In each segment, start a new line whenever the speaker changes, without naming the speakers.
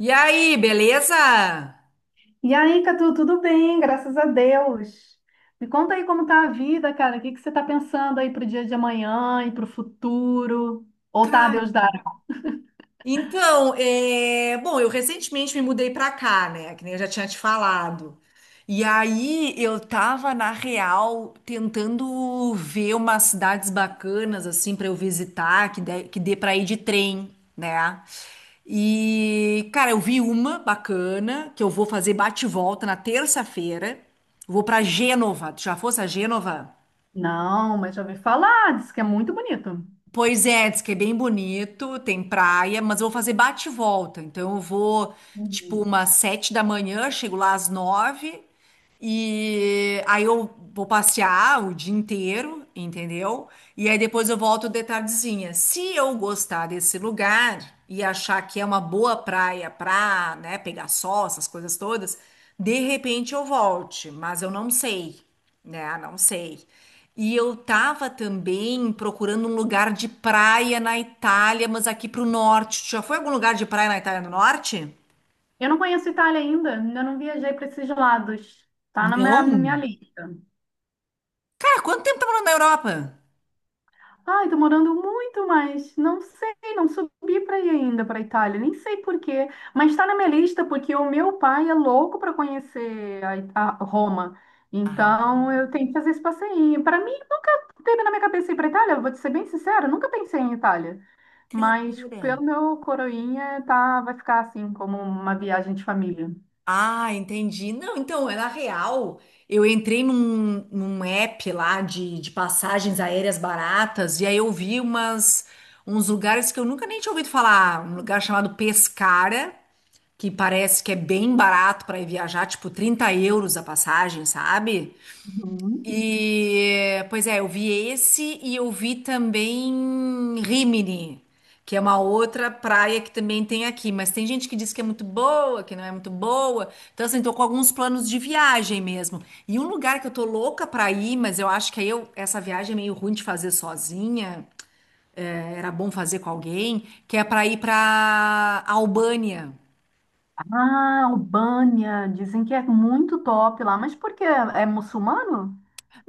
E aí, beleza?
E aí, Catu, tudo bem? Graças a Deus. Me conta aí como tá a vida, cara. O que que você tá pensando aí pro dia de amanhã e pro futuro? Ou tá a
Cara,
Deus dará?
então, bom, eu recentemente me mudei pra cá, né? Que nem eu já tinha te falado. E aí eu tava, na real, tentando ver umas cidades bacanas, assim, pra eu visitar, que dê pra ir de trem, né? E, cara, eu vi uma bacana, que eu vou fazer bate-volta e volta na terça-feira. Vou pra Gênova. Tu já fosse a Gênova?
Não, mas já ouvi falar, disse que é muito bonito.
Pois é, diz que é bem bonito, tem praia, mas eu vou fazer bate e volta. Então eu vou, tipo,
Uhum.
umas 7 da manhã, chego lá às 9, e aí eu vou passear o dia inteiro, entendeu? E aí depois eu volto de tardezinha. Se eu gostar desse lugar e achar que é uma boa praia pra, né, pegar sol, essas coisas todas, de repente eu volte, mas eu não sei, né? Não sei. E eu tava também procurando um lugar de praia na Itália, mas aqui pro norte. Tu já foi a algum lugar de praia na Itália do Norte?
Eu não conheço Itália ainda, ainda não viajei para esses lados. Tá na minha,
Não?
minha lista.
Cara, quanto tempo tá morando na Europa?
Ai, tô morando muito, mas não sei, não subi para ir ainda para Itália, nem sei por quê, mas está na minha lista porque o meu pai é louco para conhecer a Roma.
Ah,
Então eu tenho que fazer esse passeio. Para mim nunca teve na minha cabeça ir para Itália, vou te ser bem sincera, nunca pensei em Itália.
que
Mas
loucura.
pelo meu coroinha tá, vai ficar assim como uma viagem de família.
Ah, entendi. Não, então, é na real. Eu entrei num app lá de passagens aéreas baratas e aí eu vi uns lugares que eu nunca nem tinha ouvido falar. Um lugar chamado Pescara, que parece que é bem barato para ir viajar, tipo 30 euros a passagem, sabe?
Uhum.
E, pois é, eu vi esse e eu vi também Rimini, que é uma outra praia que também tem aqui, mas tem gente que diz que é muito boa, que não é muito boa. Então, assim, tô com alguns planos de viagem mesmo. E um lugar que eu tô louca pra ir, mas eu acho que aí eu, essa viagem é meio ruim de fazer sozinha, é, era bom fazer com alguém, que é pra ir pra Albânia.
Ah, Albânia, dizem que é muito top lá, mas por quê? É muçulmano?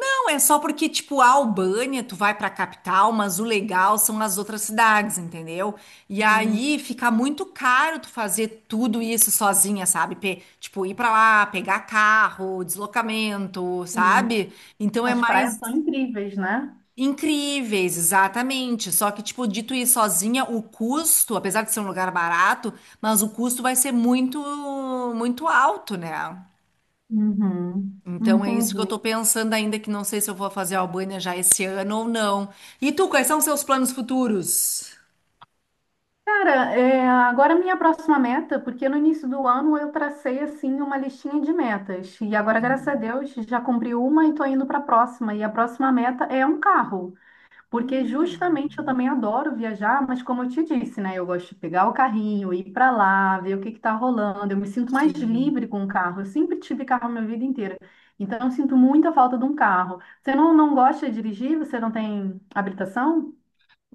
Não, é só porque, tipo, a Albânia, tu vai pra capital, mas o legal são as outras cidades, entendeu? E
Hum,
aí fica muito caro tu fazer tudo isso sozinha, sabe? Tipo, ir pra lá, pegar carro, deslocamento,
Sim.
sabe? Então é
As praias
mais
são incríveis, né?
incríveis, exatamente. Só que, tipo, de tu ir sozinha, o custo, apesar de ser um lugar barato, mas o custo vai ser muito, muito alto, né?
Uhum,
Então é isso que eu
entendi.
tô pensando ainda, que não sei se eu vou fazer a Albânia já esse ano ou não. E tu, quais são os seus planos futuros?
Cara, é, agora minha próxima meta, porque no início do ano eu tracei assim uma listinha de metas e agora, graças a Deus, já cumpri uma e tô indo para a próxima. E a próxima meta é um carro. Porque
Hum.
justamente eu também adoro viajar, mas como eu te disse, né? Eu gosto de pegar o carrinho, ir para lá, ver o que que tá rolando. Eu me sinto mais
Sim.
livre com o carro. Eu sempre tive carro a minha vida inteira. Então eu sinto muita falta de um carro. Você não, não gosta de dirigir? Você não tem habilitação?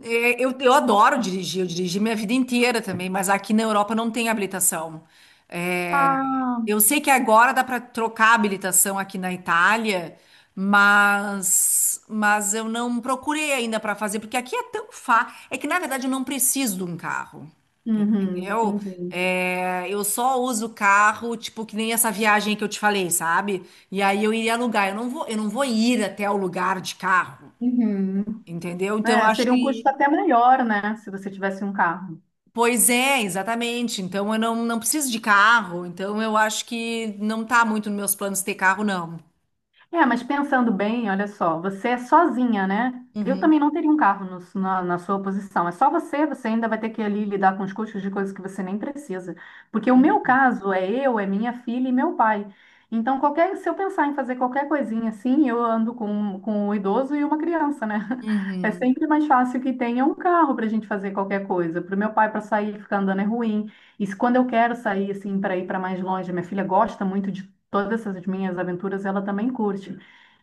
É, eu adoro dirigir, eu dirigi minha vida inteira também, mas aqui na Europa não tem habilitação. É,
Ah,
eu sei que agora dá para trocar a habilitação aqui na Itália, mas eu não procurei ainda para fazer, porque aqui é tão fácil. É que na verdade eu não preciso de um carro,
uhum,
entendeu?
entendi.
É, eu só uso carro, tipo, que nem essa viagem que eu te falei, sabe? E aí eu iria alugar. Eu não vou ir até o lugar de carro,
Uhum.
entendeu? Então eu
É,
acho
seria um
que.
custo até maior, né? Se você tivesse um carro.
Pois é, exatamente. Então eu não, não preciso de carro, então eu acho que não tá muito nos meus planos ter carro, não.
É, mas pensando bem, olha só, você é sozinha, né? Eu
Uhum,
também não teria um carro na sua posição. É só você ainda vai ter que ali lidar com os custos de coisas que você nem precisa. Porque o meu
uhum.
caso é eu, é minha filha e meu pai. Então, qualquer, se eu pensar em fazer qualquer coisinha assim, eu ando com um idoso e uma criança, né? É
Uhum.
sempre mais fácil que tenha um carro para a gente fazer qualquer coisa. Para o meu pai, para sair, ficar andando é ruim. E se, quando eu quero sair, assim, para ir para mais longe, minha filha gosta muito todas essas minhas aventuras ela também curte.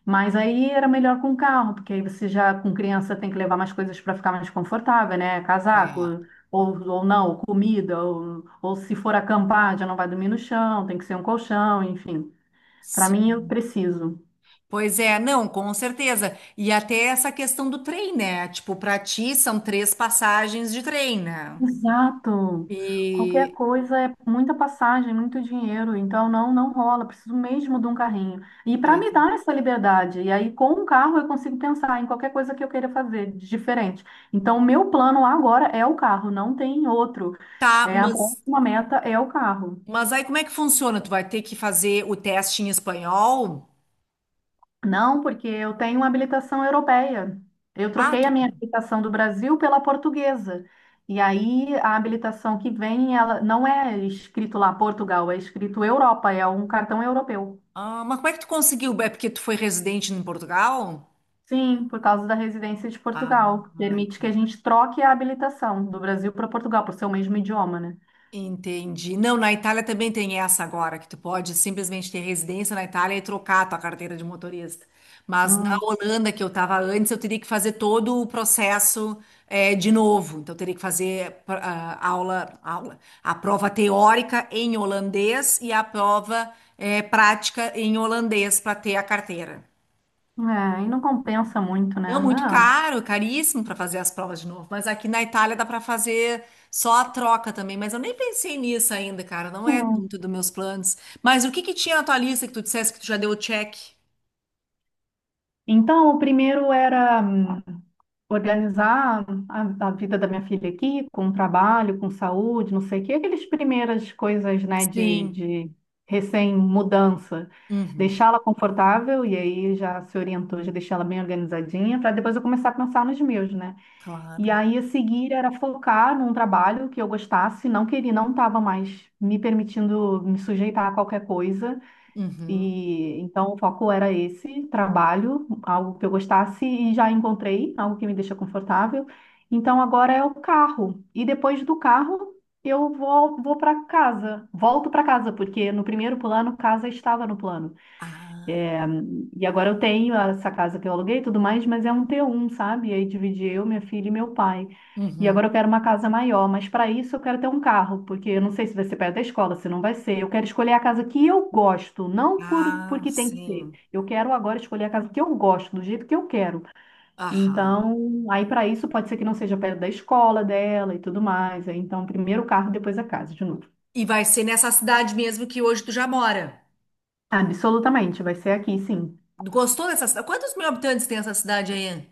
Mas aí era melhor com carro, porque aí você já com criança tem que levar mais coisas para ficar mais confortável, né? Casaco,
É,
ou não, comida, ou se for acampar, já não vai dormir no chão, tem que ser um colchão, enfim. Para mim, eu
sim.
preciso.
Pois é, não, com certeza. E até essa questão do trem, né? Tipo, pra ti são três passagens de trem, né?
Exato. Qualquer
E
coisa é muita passagem, muito dinheiro, então não rola, preciso mesmo de um carrinho. E para me
pois é.
dar essa liberdade, e aí com um carro eu consigo pensar em qualquer coisa que eu queira fazer de diferente. Então o meu plano agora é o carro, não tem outro.
Tá,
É, a
mas
próxima meta é o carro.
mas aí como é que funciona? Tu vai ter que fazer o teste em espanhol?
Não, porque eu tenho uma habilitação europeia. Eu
Ah,
troquei a minha habilitação do Brasil pela portuguesa. E aí a habilitação que vem, ela não é escrito lá Portugal, é escrito Europa, é um cartão europeu.
mas como é que tu conseguiu? É porque tu foi residente em Portugal?
Sim, por causa da residência de
Ah,
Portugal. Permite que a gente troque a habilitação do Brasil para Portugal, por ser o mesmo idioma, né?
entendi. Não, na Itália também tem essa agora, que tu pode simplesmente ter residência na Itália e trocar a tua carteira de motorista. Mas na
Hum,
Holanda, que eu estava antes, eu teria que fazer todo o processo de novo. Então, eu teria que fazer aula, a prova teórica em holandês e a prova prática em holandês para ter a carteira.
é, e não compensa muito, né?
Não, muito
Não.
caro, caríssimo para fazer as provas de novo. Mas aqui na Itália dá para fazer só a troca também. Mas eu nem pensei nisso ainda, cara. Não é muito
Hum.
dos meus planos. Mas o que que tinha na tua lista que tu dissesse que tu já deu o check?
Então, o primeiro era, organizar a vida da minha filha aqui, com trabalho, com saúde, não sei o quê, aquelas primeiras coisas, né,
Sim.
de recém-mudança.
Uhum.
Deixá-la confortável, e aí já se orientou, já deixá-la bem organizadinha, para depois eu começar a pensar nos meus, né? E
Claro.
aí a seguir era focar num trabalho que eu gostasse, não queria, não estava mais me permitindo me sujeitar a qualquer coisa,
Uhum.
e então o foco era esse trabalho, algo que eu gostasse e já encontrei, algo que me deixa confortável. Então agora é o carro. E depois do carro eu vou para casa, volto para casa, porque no primeiro plano casa estava no plano.
Ah.
E agora eu tenho essa casa que eu aluguei e tudo mais, mas é um T1, sabe? E aí dividi eu, minha filha e meu pai. E
Uhum.
agora eu quero uma casa maior, mas para isso eu quero ter um carro, porque eu não sei se vai ser perto da escola, se não vai ser. Eu quero escolher a casa que eu gosto, não por
Ah,
porque tem que ser.
sim.
Eu quero agora escolher a casa que eu gosto, do jeito que eu quero.
Aham.
Então, aí para isso pode ser que não seja perto da escola dela e tudo mais. Aí, então, primeiro o carro, depois a casa, de novo.
E vai ser nessa cidade mesmo que hoje tu já mora.
Absolutamente, vai ser aqui, sim.
Gostou dessa cidade? Quantos mil habitantes tem essa cidade aí?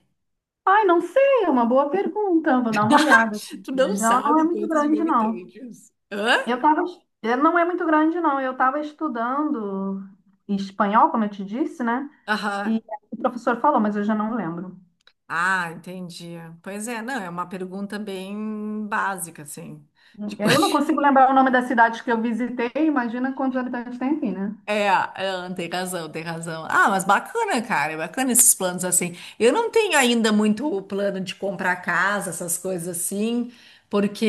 Ai, não sei, é uma boa pergunta. Vou dar uma olhada aqui.
Tu
Mas
não
ela não é
sabe
muito
quantos mil
grande, não.
habitantes. Hã?
Eu tava, não é muito grande, não. Eu estava estudando espanhol, como eu te disse, né?
Aham.
E o professor falou, mas eu já não lembro.
Ah, entendi. Pois é, não, é uma pergunta bem básica, assim. De co-
Eu não consigo lembrar o nome das cidades que eu visitei. Imagina quantos habitantes tem aqui, né?
É, é, tem razão, tem razão. Ah, mas bacana, cara, é bacana esses planos assim. Eu não tenho ainda muito o plano de comprar casa, essas coisas assim, porque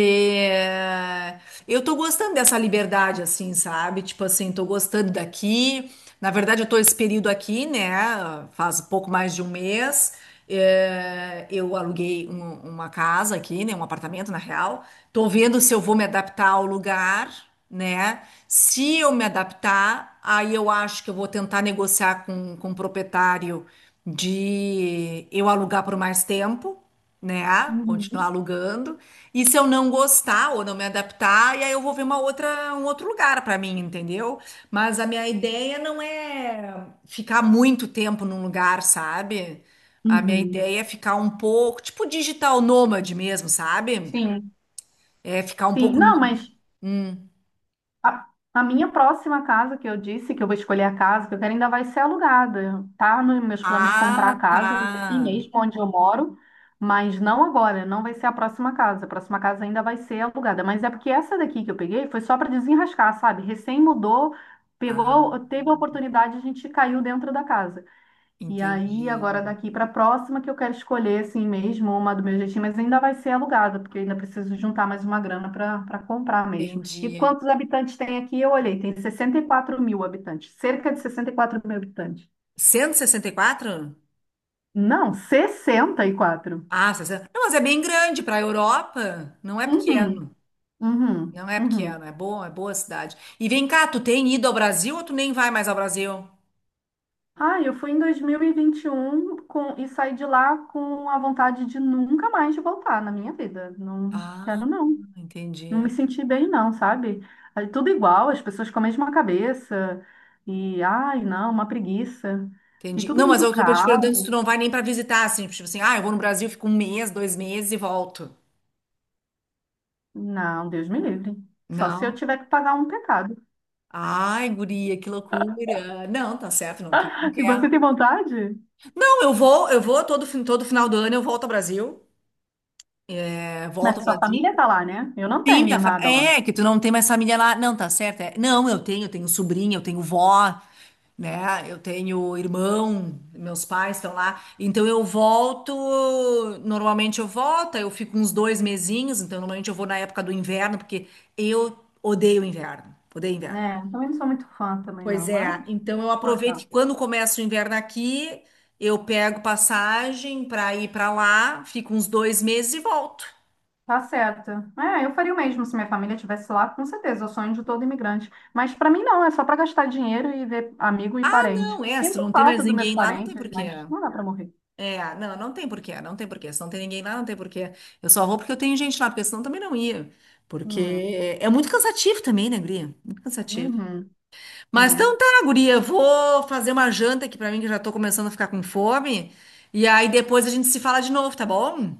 eh, eu tô gostando dessa liberdade, assim, sabe? Tipo assim, tô gostando daqui. Na verdade, eu tô esse período aqui, né? Faz pouco mais de um mês. Eu aluguei uma casa aqui, né? Um apartamento, na real. Tô vendo se eu vou me adaptar ao lugar, né? Se eu me adaptar, aí eu acho que eu vou tentar negociar com o proprietário de eu alugar por mais tempo, né? Continuar
Uhum.
alugando. E se eu não gostar ou não me adaptar, e aí eu vou ver uma outra, um outro lugar para mim, entendeu? Mas a minha ideia não é ficar muito tempo num lugar, sabe? A minha
Uhum.
ideia é ficar um pouco, tipo digital nômade mesmo, sabe?
Sim,
É ficar um
sim.
pouco no.
Não, mas A, a minha próxima casa que eu disse que eu vou escolher a casa que eu quero ainda vai ser alugada. Tá nos meus planos comprar a
Ah, tá.
casa aqui mesmo onde eu moro, mas não agora, não vai ser a próxima casa. A próxima casa ainda vai ser alugada, mas é porque essa daqui que eu peguei foi só para desenrascar, sabe? Recém mudou,
Ah,
pegou, teve a oportunidade, a gente caiu dentro da casa. E aí, agora
entendi.
daqui para a próxima, que eu quero escolher, assim mesmo, uma do meu jeitinho, mas ainda vai ser alugada, porque eu ainda preciso juntar mais uma grana para comprar mesmo. E
Entendi.
quantos habitantes tem aqui? Eu olhei, tem 64 mil habitantes, cerca de 64 mil habitantes.
164?
Não, 64.
Ah, 60. Não, mas é bem grande para a Europa. Não é
Uhum,
pequeno.
uhum,
Não é
uhum.
pequeno. É bom, é boa cidade. E vem cá, tu tem ido ao Brasil ou tu nem vai mais ao Brasil?
Ah, eu fui em 2021 com, e saí de lá com a vontade de nunca mais voltar na minha vida. Não
Ah,
quero, não. Não
entendi.
me senti bem, não, sabe? Aí, tudo igual, as pessoas com a mesma cabeça. E, ai, não, uma preguiça. E
Entendi.
tudo
Não, mas
muito
eu tô te perguntando se tu
caro.
não vai nem para visitar, assim, tipo assim, ah, eu vou no Brasil, fico um mês, dois meses e volto.
Não, Deus me livre. Só se eu
Não.
tiver que pagar um pecado.
Ai, guria, que loucura. Não, tá certo, não quero, não
E
quero.
você tem vontade?
Não, eu vou todo, todo final do ano eu volto ao Brasil. É, volto ao
Mas sua
Brasil.
família tá lá, né? Eu não
Sim,
tenho nada lá.
é, que tu não tem mais família lá. Não, tá certo. É. Não, eu tenho sobrinha, eu tenho vó, né? Eu tenho irmão, meus pais estão lá. Então eu volto, normalmente eu volto, eu fico uns dois mesinhos, então normalmente eu vou na época do inverno, porque eu odeio inverno. Odeio inverno.
É, também não sou muito fã também, não,
Pois
mas
é, então eu aproveito
suportar.
que quando começa o inverno aqui, eu pego passagem para ir para lá, fico uns dois meses e volto.
Tá certo. É, eu faria o mesmo se minha família estivesse lá, com certeza, é o sonho de todo imigrante. Mas para mim não, é só para gastar dinheiro e ver amigo e
Ah,
parente.
não, é, se tu
Sinto
não tem mais
falta dos meus
ninguém lá, não tem
parentes,
porquê.
mas não dá para morrer.
É, não, não tem porquê, não tem porquê. Se não tem ninguém lá, não tem porquê. Eu só vou porque eu tenho gente lá, porque senão também não ia. Porque
Hum,
é muito cansativo também, né, guria? Muito cansativo.
uhum,
Mas
é.
então tá, guria, vou fazer uma janta aqui pra mim, que eu já tô começando a ficar com fome. E aí depois a gente se fala de novo, tá bom?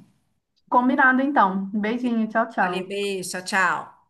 Combinado então. Beijinho, tchau,
Valeu,
tchau.
beijo, tchau, tchau.